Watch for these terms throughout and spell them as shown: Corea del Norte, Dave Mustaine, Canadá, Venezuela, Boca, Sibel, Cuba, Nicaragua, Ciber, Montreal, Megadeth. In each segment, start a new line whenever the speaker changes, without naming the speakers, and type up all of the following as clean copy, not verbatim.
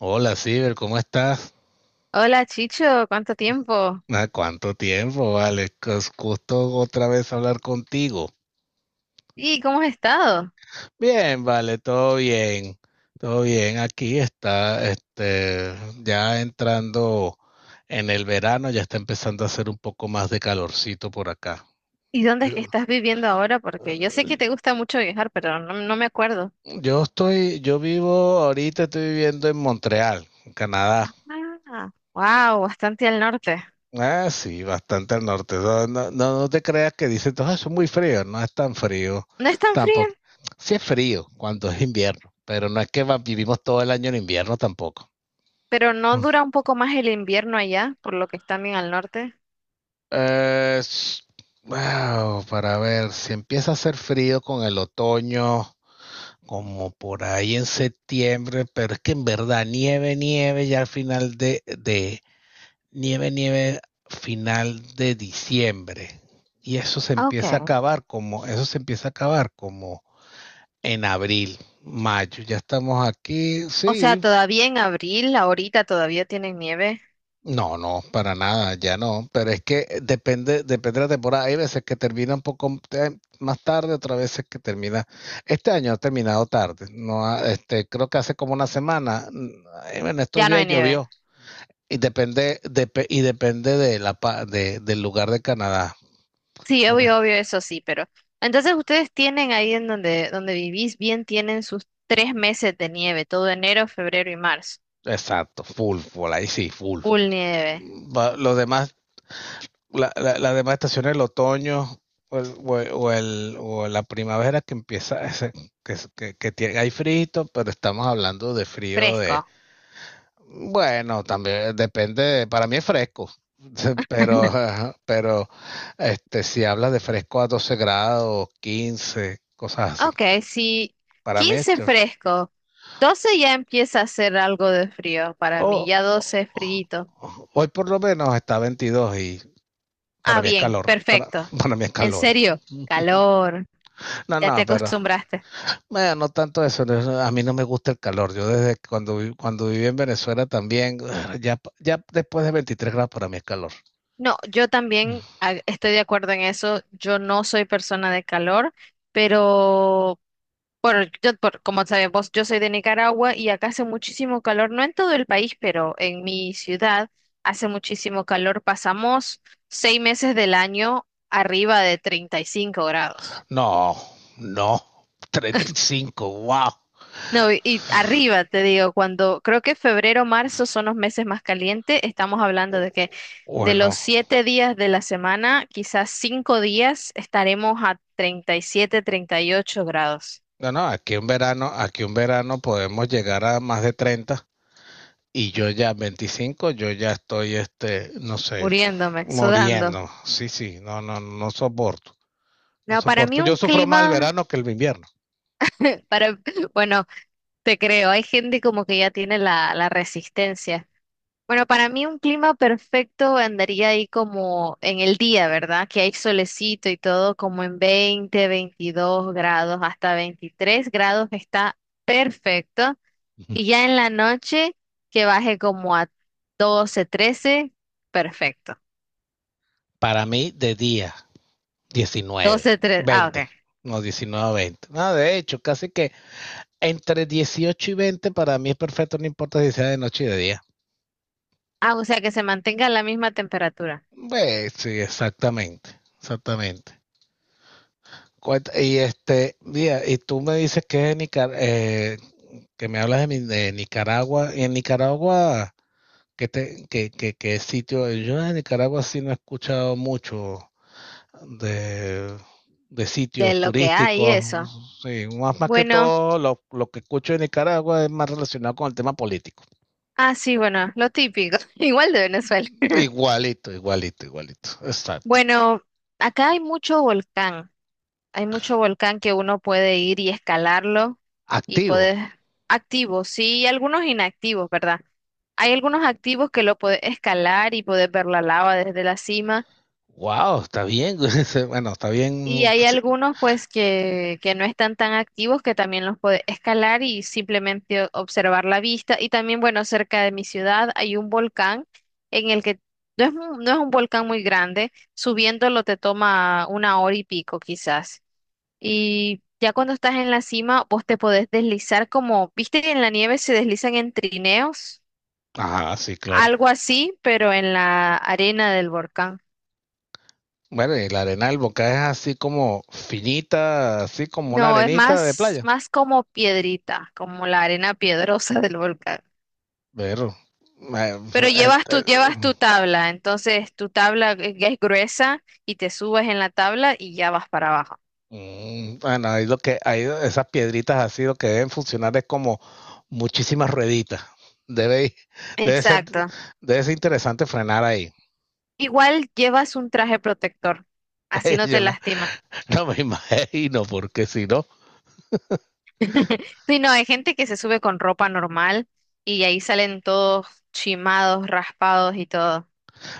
Hola, Ciber, ¿cómo estás?
Hola Chicho, ¿cuánto tiempo?
Ah, ¿cuánto tiempo, vale? Es gusto otra vez hablar contigo.
¿Y cómo has estado?
Bien, vale, todo bien. Todo bien, aquí está, ya entrando en el verano, ya está empezando a hacer un poco más de calorcito por acá.
¿Y dónde es que
Yo
estás viviendo ahora? Porque yo sé que
eh,
te gusta mucho viajar, pero no, no me acuerdo.
yo vivo ahorita, estoy viviendo en Montreal, en Canadá.
Ah, wow, bastante al norte.
Ah, sí, bastante al norte. No te creas que dicen, "Ah, eso es muy frío. No es tan frío"
No es tan frío,
tampoco. Sí es frío cuando es invierno, pero no es que vivimos todo el año en invierno tampoco.
pero no
Mm.
dura un poco más el invierno allá, por lo que están bien al norte.
Eh, s- wow, para ver, si empieza a hacer frío con el otoño, como por ahí en septiembre, pero es que en verdad nieve, nieve ya al final nieve, nieve final de diciembre. Y eso se
Ah, ok.
empieza a acabar como en abril, mayo. Ya estamos aquí,
O sea,
sí.
todavía en abril, ahorita todavía tienen nieve.
No, no, para nada, ya no. Pero es que depende, depende de la temporada. Hay veces que termina un poco más tarde, otras veces que termina. Este año ha terminado tarde. No, creo que hace como una semana. En estos
Ya no
días
hay nieve.
llovió. Y depende de la, pa- de, del lugar de Canadá.
Sí,
Por- e,
obvio, obvio, eso sí, pero. Entonces ustedes tienen ahí en donde vivís bien, tienen sus 3 meses de nieve, todo enero, febrero y marzo.
Exacto, full, full, ahí sí, full.
Full nieve.
Los demás, las demás estaciones, el otoño o la primavera que empieza, que tiene, hay frío, pero estamos hablando de frío
Fresco.
bueno, también depende, para mí es fresco, pero, ajá, pero si hablas de fresco a 12 grados, 15, cosas así.
Ok, si
Para mí,
15 fresco, 12 ya empieza a hacer algo de frío para mí, ya 12 es frío.
hoy por lo menos está 22 y para
Ah,
mi
bien,
escalor, para,
perfecto.
para mi
En
escalor.
serio, calor,
No,
ya te
no, pero
acostumbraste.
bueno, no tanto eso, a mí no me gusta el calor. Yo desde cuando viví en Venezuela también, ya, ya después de 23 grados para mí es calor.
No, yo también estoy de acuerdo en eso, yo no soy persona de calor, pero como sabemos, yo soy de Nicaragua y acá hace muchísimo calor, no en todo el país, pero en mi ciudad hace muchísimo calor. Pasamos 6 meses del año arriba de 35 grados.
No, no, 35, wow.
No, y arriba, te digo, cuando creo que febrero, marzo son los meses más calientes, estamos hablando de los
Bueno,
7 días de la semana, quizás 5 días estaremos a 37, 38 grados,
no, no, aquí un verano podemos llegar a más de 30 y yo ya 25, yo ya estoy, no sé,
muriéndome, sudando.
muriendo. Sí, sí, no, no, no soporto. No
No, para mí
soporto.
un
Yo sufro más el
clima.
verano que el invierno.
Para, bueno, te creo, hay gente como que ya tiene la resistencia. Bueno, para mí un clima perfecto andaría ahí como en el día, ¿verdad? Que hay solecito y todo, como en 20 22 grados, hasta 23 grados está perfecto. Y ya en la noche que baje como a 12 13 perfecto.
Para mí, de día, diecinueve,
12 13, ah,
veinte.
ok.
No, diecinueve veinte. 20. No, de hecho, casi que entre dieciocho y veinte para mí es perfecto, no importa si sea de noche y de día.
Ah, o sea que se mantenga la misma temperatura
Pues, sí, exactamente. Exactamente. Y mira, y tú me dices que es que me hablas de Nicaragua, y en Nicaragua, ¿qué te, qué, qué- qué sitio? Yo en Nicaragua sí no he escuchado mucho de, de
de
sitios
lo que hay,
turísticos,
eso.
sí, más, más que
Bueno.
todo lo que escucho de Nicaragua es más relacionado con el tema político.
Ah, sí, bueno, lo típico, igual de Venezuela.
Igualito, igualito, igualito, exacto.
Bueno, acá hay mucho volcán que uno puede ir y escalarlo y
Activo.
puedes, activos, sí, y algunos inactivos, ¿verdad? Hay algunos activos que lo puedes escalar y puedes ver la lava desde la cima.
Wow, está bien. Bueno, está bien.
Y hay
Sí.
algunos pues que no están tan activos que también los puede escalar y simplemente observar la vista. Y también, bueno, cerca de mi ciudad hay un volcán en el que no es un volcán muy grande, subiéndolo te toma una hora y pico quizás. Y ya cuando estás en la cima, vos te podés deslizar como, viste que en la nieve se deslizan en trineos,
Ah, sí, claro.
algo así, pero en la arena del volcán.
Bueno, y la arena del Boca es así como finita, así como una
No, es
arenita de
más,
playa.
más como piedrita, como la arena piedrosa del volcán.
Pero, eh,
Pero
eh,
llevas tu,
eh,
llevas tu tabla, entonces tu tabla es gruesa y te subes en la tabla y ya vas para abajo.
bueno, ahí lo que, ahí esas piedritas así lo que deben funcionar es como muchísimas rueditas. Debe, ir- debe ser,
Exacto.
debe ser interesante frenar ahí.
Igual llevas un traje protector, así no te
Yo me-
lastima.
no me imagino, porque si no,
Sí, no, hay gente que se sube con ropa normal y ahí salen todos chimados, raspados y todo.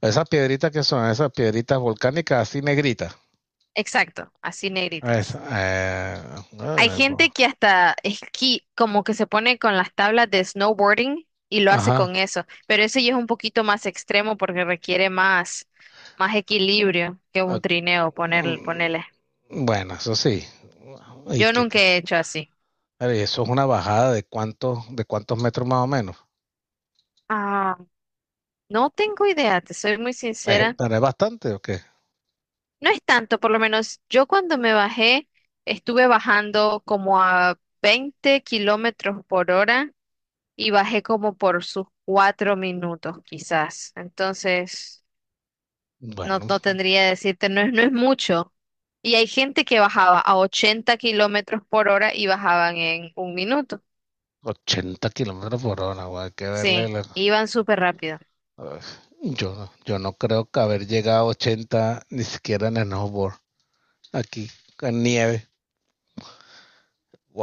esas piedritas volcánicas así negritas.
Exacto, así
Esa,
negritas.
eh,
Hay
eh, po-
gente que hasta esquí, como que se pone con las tablas de snowboarding y lo hace
ajá.
con eso, pero ese ya es un poquito más extremo porque requiere más, más equilibrio que un trineo, ponerle.
Mm, Bueno, eso sí. ¿Y
Yo
qué
nunca
tal?
he hecho así.
A ver, eso es una bajada de cuántos metros más o menos.
Ah, no tengo idea, te soy muy sincera.
¿Pero es bastante o qué?
No es tanto, por lo menos yo cuando me bajé, estuve bajando como a 20 kilómetros por hora y bajé como por sus 4 minutos quizás. Entonces. No,
Bueno,
no tendría que decirte, no es mucho. Y hay gente que bajaba a 80 kilómetros por hora y bajaban en un minuto.
ochenta kilómetros por hora, güey, hay que darle
Sí,
la-
iban súper rápido.
Uf, Yo no creo que haber llegado a 80 ni siquiera en snowboard, aquí, en nieve.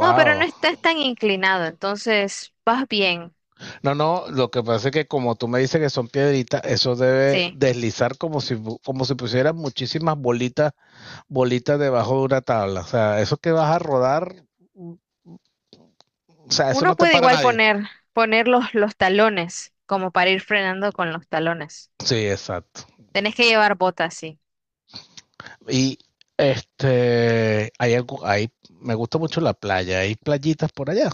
No, pero no estás tan inclinado, entonces vas bien.
No, no, lo que pasa es que como tú me dices que son piedritas, eso debe
Sí.
deslizar como si pusieras muchísimas bolitas bolitas debajo de una tabla. O sea, eso que vas a rodar, o sea, eso
Uno
no te
puede
para
igual
nadie.
poner los talones, como para ir frenando con los talones.
Sí, exacto.
Tenés que llevar botas, sí.
Y hay algo, hay, me gusta mucho la playa, hay playitas por allá.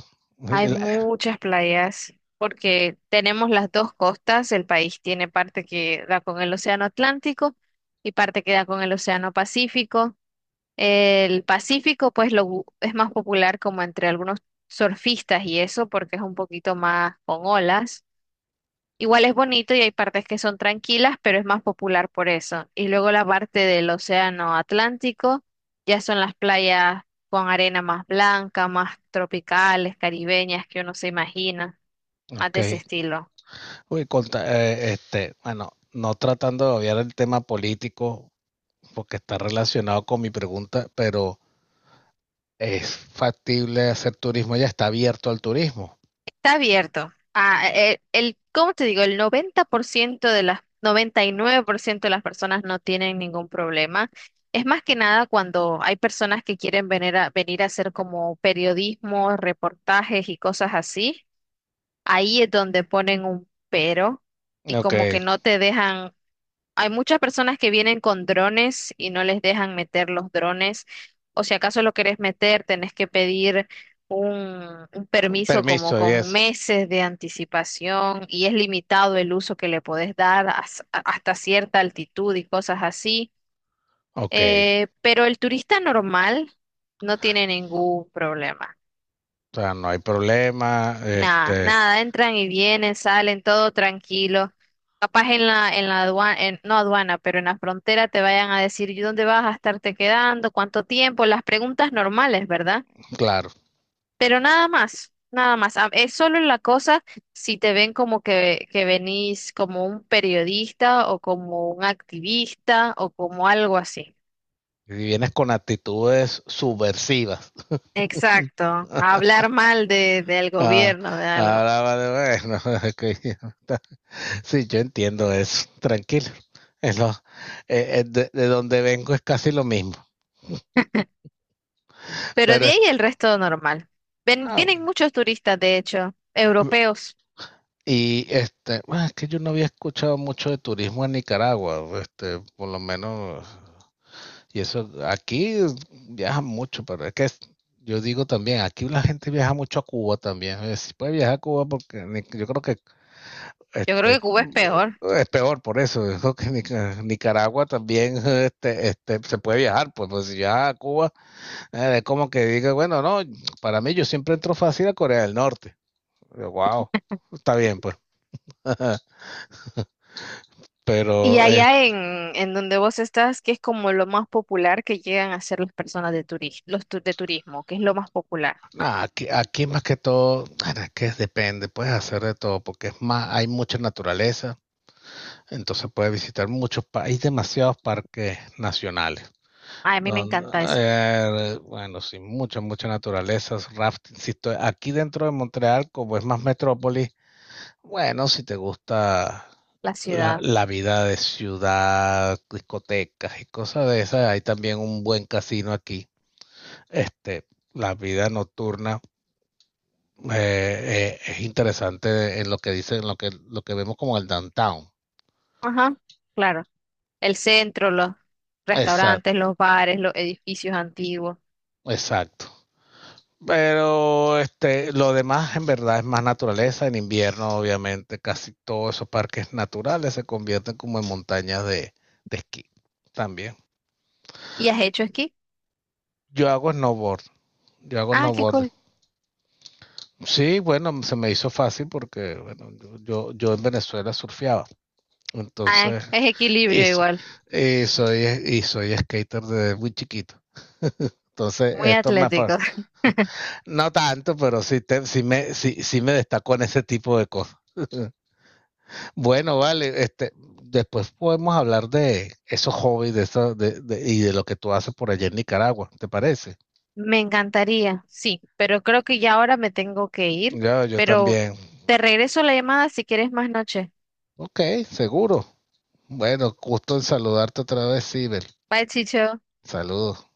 Hay
La-
muchas playas porque tenemos las dos costas. El país tiene parte que da con el Océano Atlántico y parte que da con el Océano Pacífico. El Pacífico, pues, es más popular como entre algunos surfistas y eso porque es un poquito más con olas. Igual es bonito y hay partes que son tranquilas, pero es más popular por eso. Y luego la parte del océano Atlántico, ya son las playas con arena más blanca, más tropicales, caribeñas, que uno se imagina, más
Ok.
de ese estilo.
Uy, bueno, no tratando de obviar el tema político, porque está relacionado con mi pregunta, pero ¿es factible hacer turismo ya? ¿Está abierto al turismo?
Está abierto. Ah, ¿cómo te digo? El 90% 99% de las personas no tienen ningún problema. Es más que nada cuando hay personas que quieren venir a hacer como periodismo, reportajes y cosas así. Ahí es donde ponen un pero y
Ok,
como que no te dejan, hay muchas personas que vienen con drones y no les dejan meter los drones, o si acaso lo querés meter, tenés que pedir un permiso como
permiso y
con
eso.
meses de anticipación y es limitado el uso que le podés dar hasta cierta altitud y cosas así.
Ok,
Pero el turista normal no tiene ningún problema.
o sea, no hay problema,
Nada, nada, entran y vienen, salen, todo tranquilo. Capaz en la aduana, no aduana, pero en la frontera te vayan a decir, ¿y dónde vas a estarte quedando? ¿Cuánto tiempo? Las preguntas normales, ¿verdad?
claro.
Pero nada más, nada más. Ah, es solo la cosa si te ven como que venís como un periodista o como un activista o como algo así.
Si vienes con actitudes subversivas.
Exacto, a hablar mal del
Ah,
gobierno, de algo.
ahora vale, bueno, ok, sí, yo entiendo eso, tranquilo. Es lo, de donde vengo es casi lo mismo,
Pero
pero
de
es-
ahí el resto normal.
ah,
Vienen muchos turistas, de hecho, europeos.
Y bueno, es que yo no había escuchado mucho de turismo en Nicaragua, por lo menos. Y eso, aquí viajan mucho, pero es que es- yo digo también, aquí la gente viaja mucho a Cuba también, si puede viajar a Cuba porque ni- yo creo que
Yo creo
este
que Cuba es
mm,
peor.
es peor por eso. Yo creo que Nicaragua también se puede viajar, pues, pues si viaja a Cuba, es como que diga, bueno, no. Para mí yo siempre entro fácil a Corea del Norte. Wow, está bien, pues.
Y
Pero
allá en donde vos estás, que es como lo más popular que llegan a hacer las personas de turismo, de turismo, que es lo más popular.
ah, aquí más que todo, bueno, es que depende, puedes hacer de todo, porque es más, hay mucha naturaleza, entonces puedes visitar muchos países, hay demasiados parques nacionales.
Ay, a mí me
Donde,
encanta eso,
bueno, sí, mucha, mucha naturaleza, rafting. Si estoy aquí dentro de Montreal, como es más metrópolis, bueno, si te gusta
la
la,
ciudad.
la vida de ciudad, discotecas y cosas de esas, hay también un buen casino aquí. Este, la vida nocturna es interesante en lo que dicen, en lo que vemos como el downtown.
Ajá, claro. El centro, los
Exacto,
restaurantes, los bares, los edificios antiguos.
exacto. Pero lo demás en verdad es más naturaleza. En invierno, obviamente, casi todos esos parques naturales se convierten como en montañas de esquí también.
¿Y has hecho esquí?
Yo hago snowboard, yo hago
Ah, qué
snowboard.
cool.
Sí, bueno, se me hizo fácil porque bueno, yo en Venezuela surfeaba.
Ah,
Entonces,
es
y,
equilibrio
so-
igual,
y soy, y soy skater desde muy chiquito. Entonces,
muy atlético.
no tanto, pero sí, te, sí me, sí, sí me destacó en ese tipo de cosas. Bueno, vale, después podemos hablar de esos hobbies de eso, y de lo que tú haces por allá en Nicaragua, ¿te parece?
Me encantaría, sí, pero creo que ya ahora me tengo que ir,
Yo
pero
también.
te regreso la llamada si quieres más noche.
Ok, seguro. Bueno, gusto en saludarte otra vez, Sibel.
Bye, Chicho.
Saludos.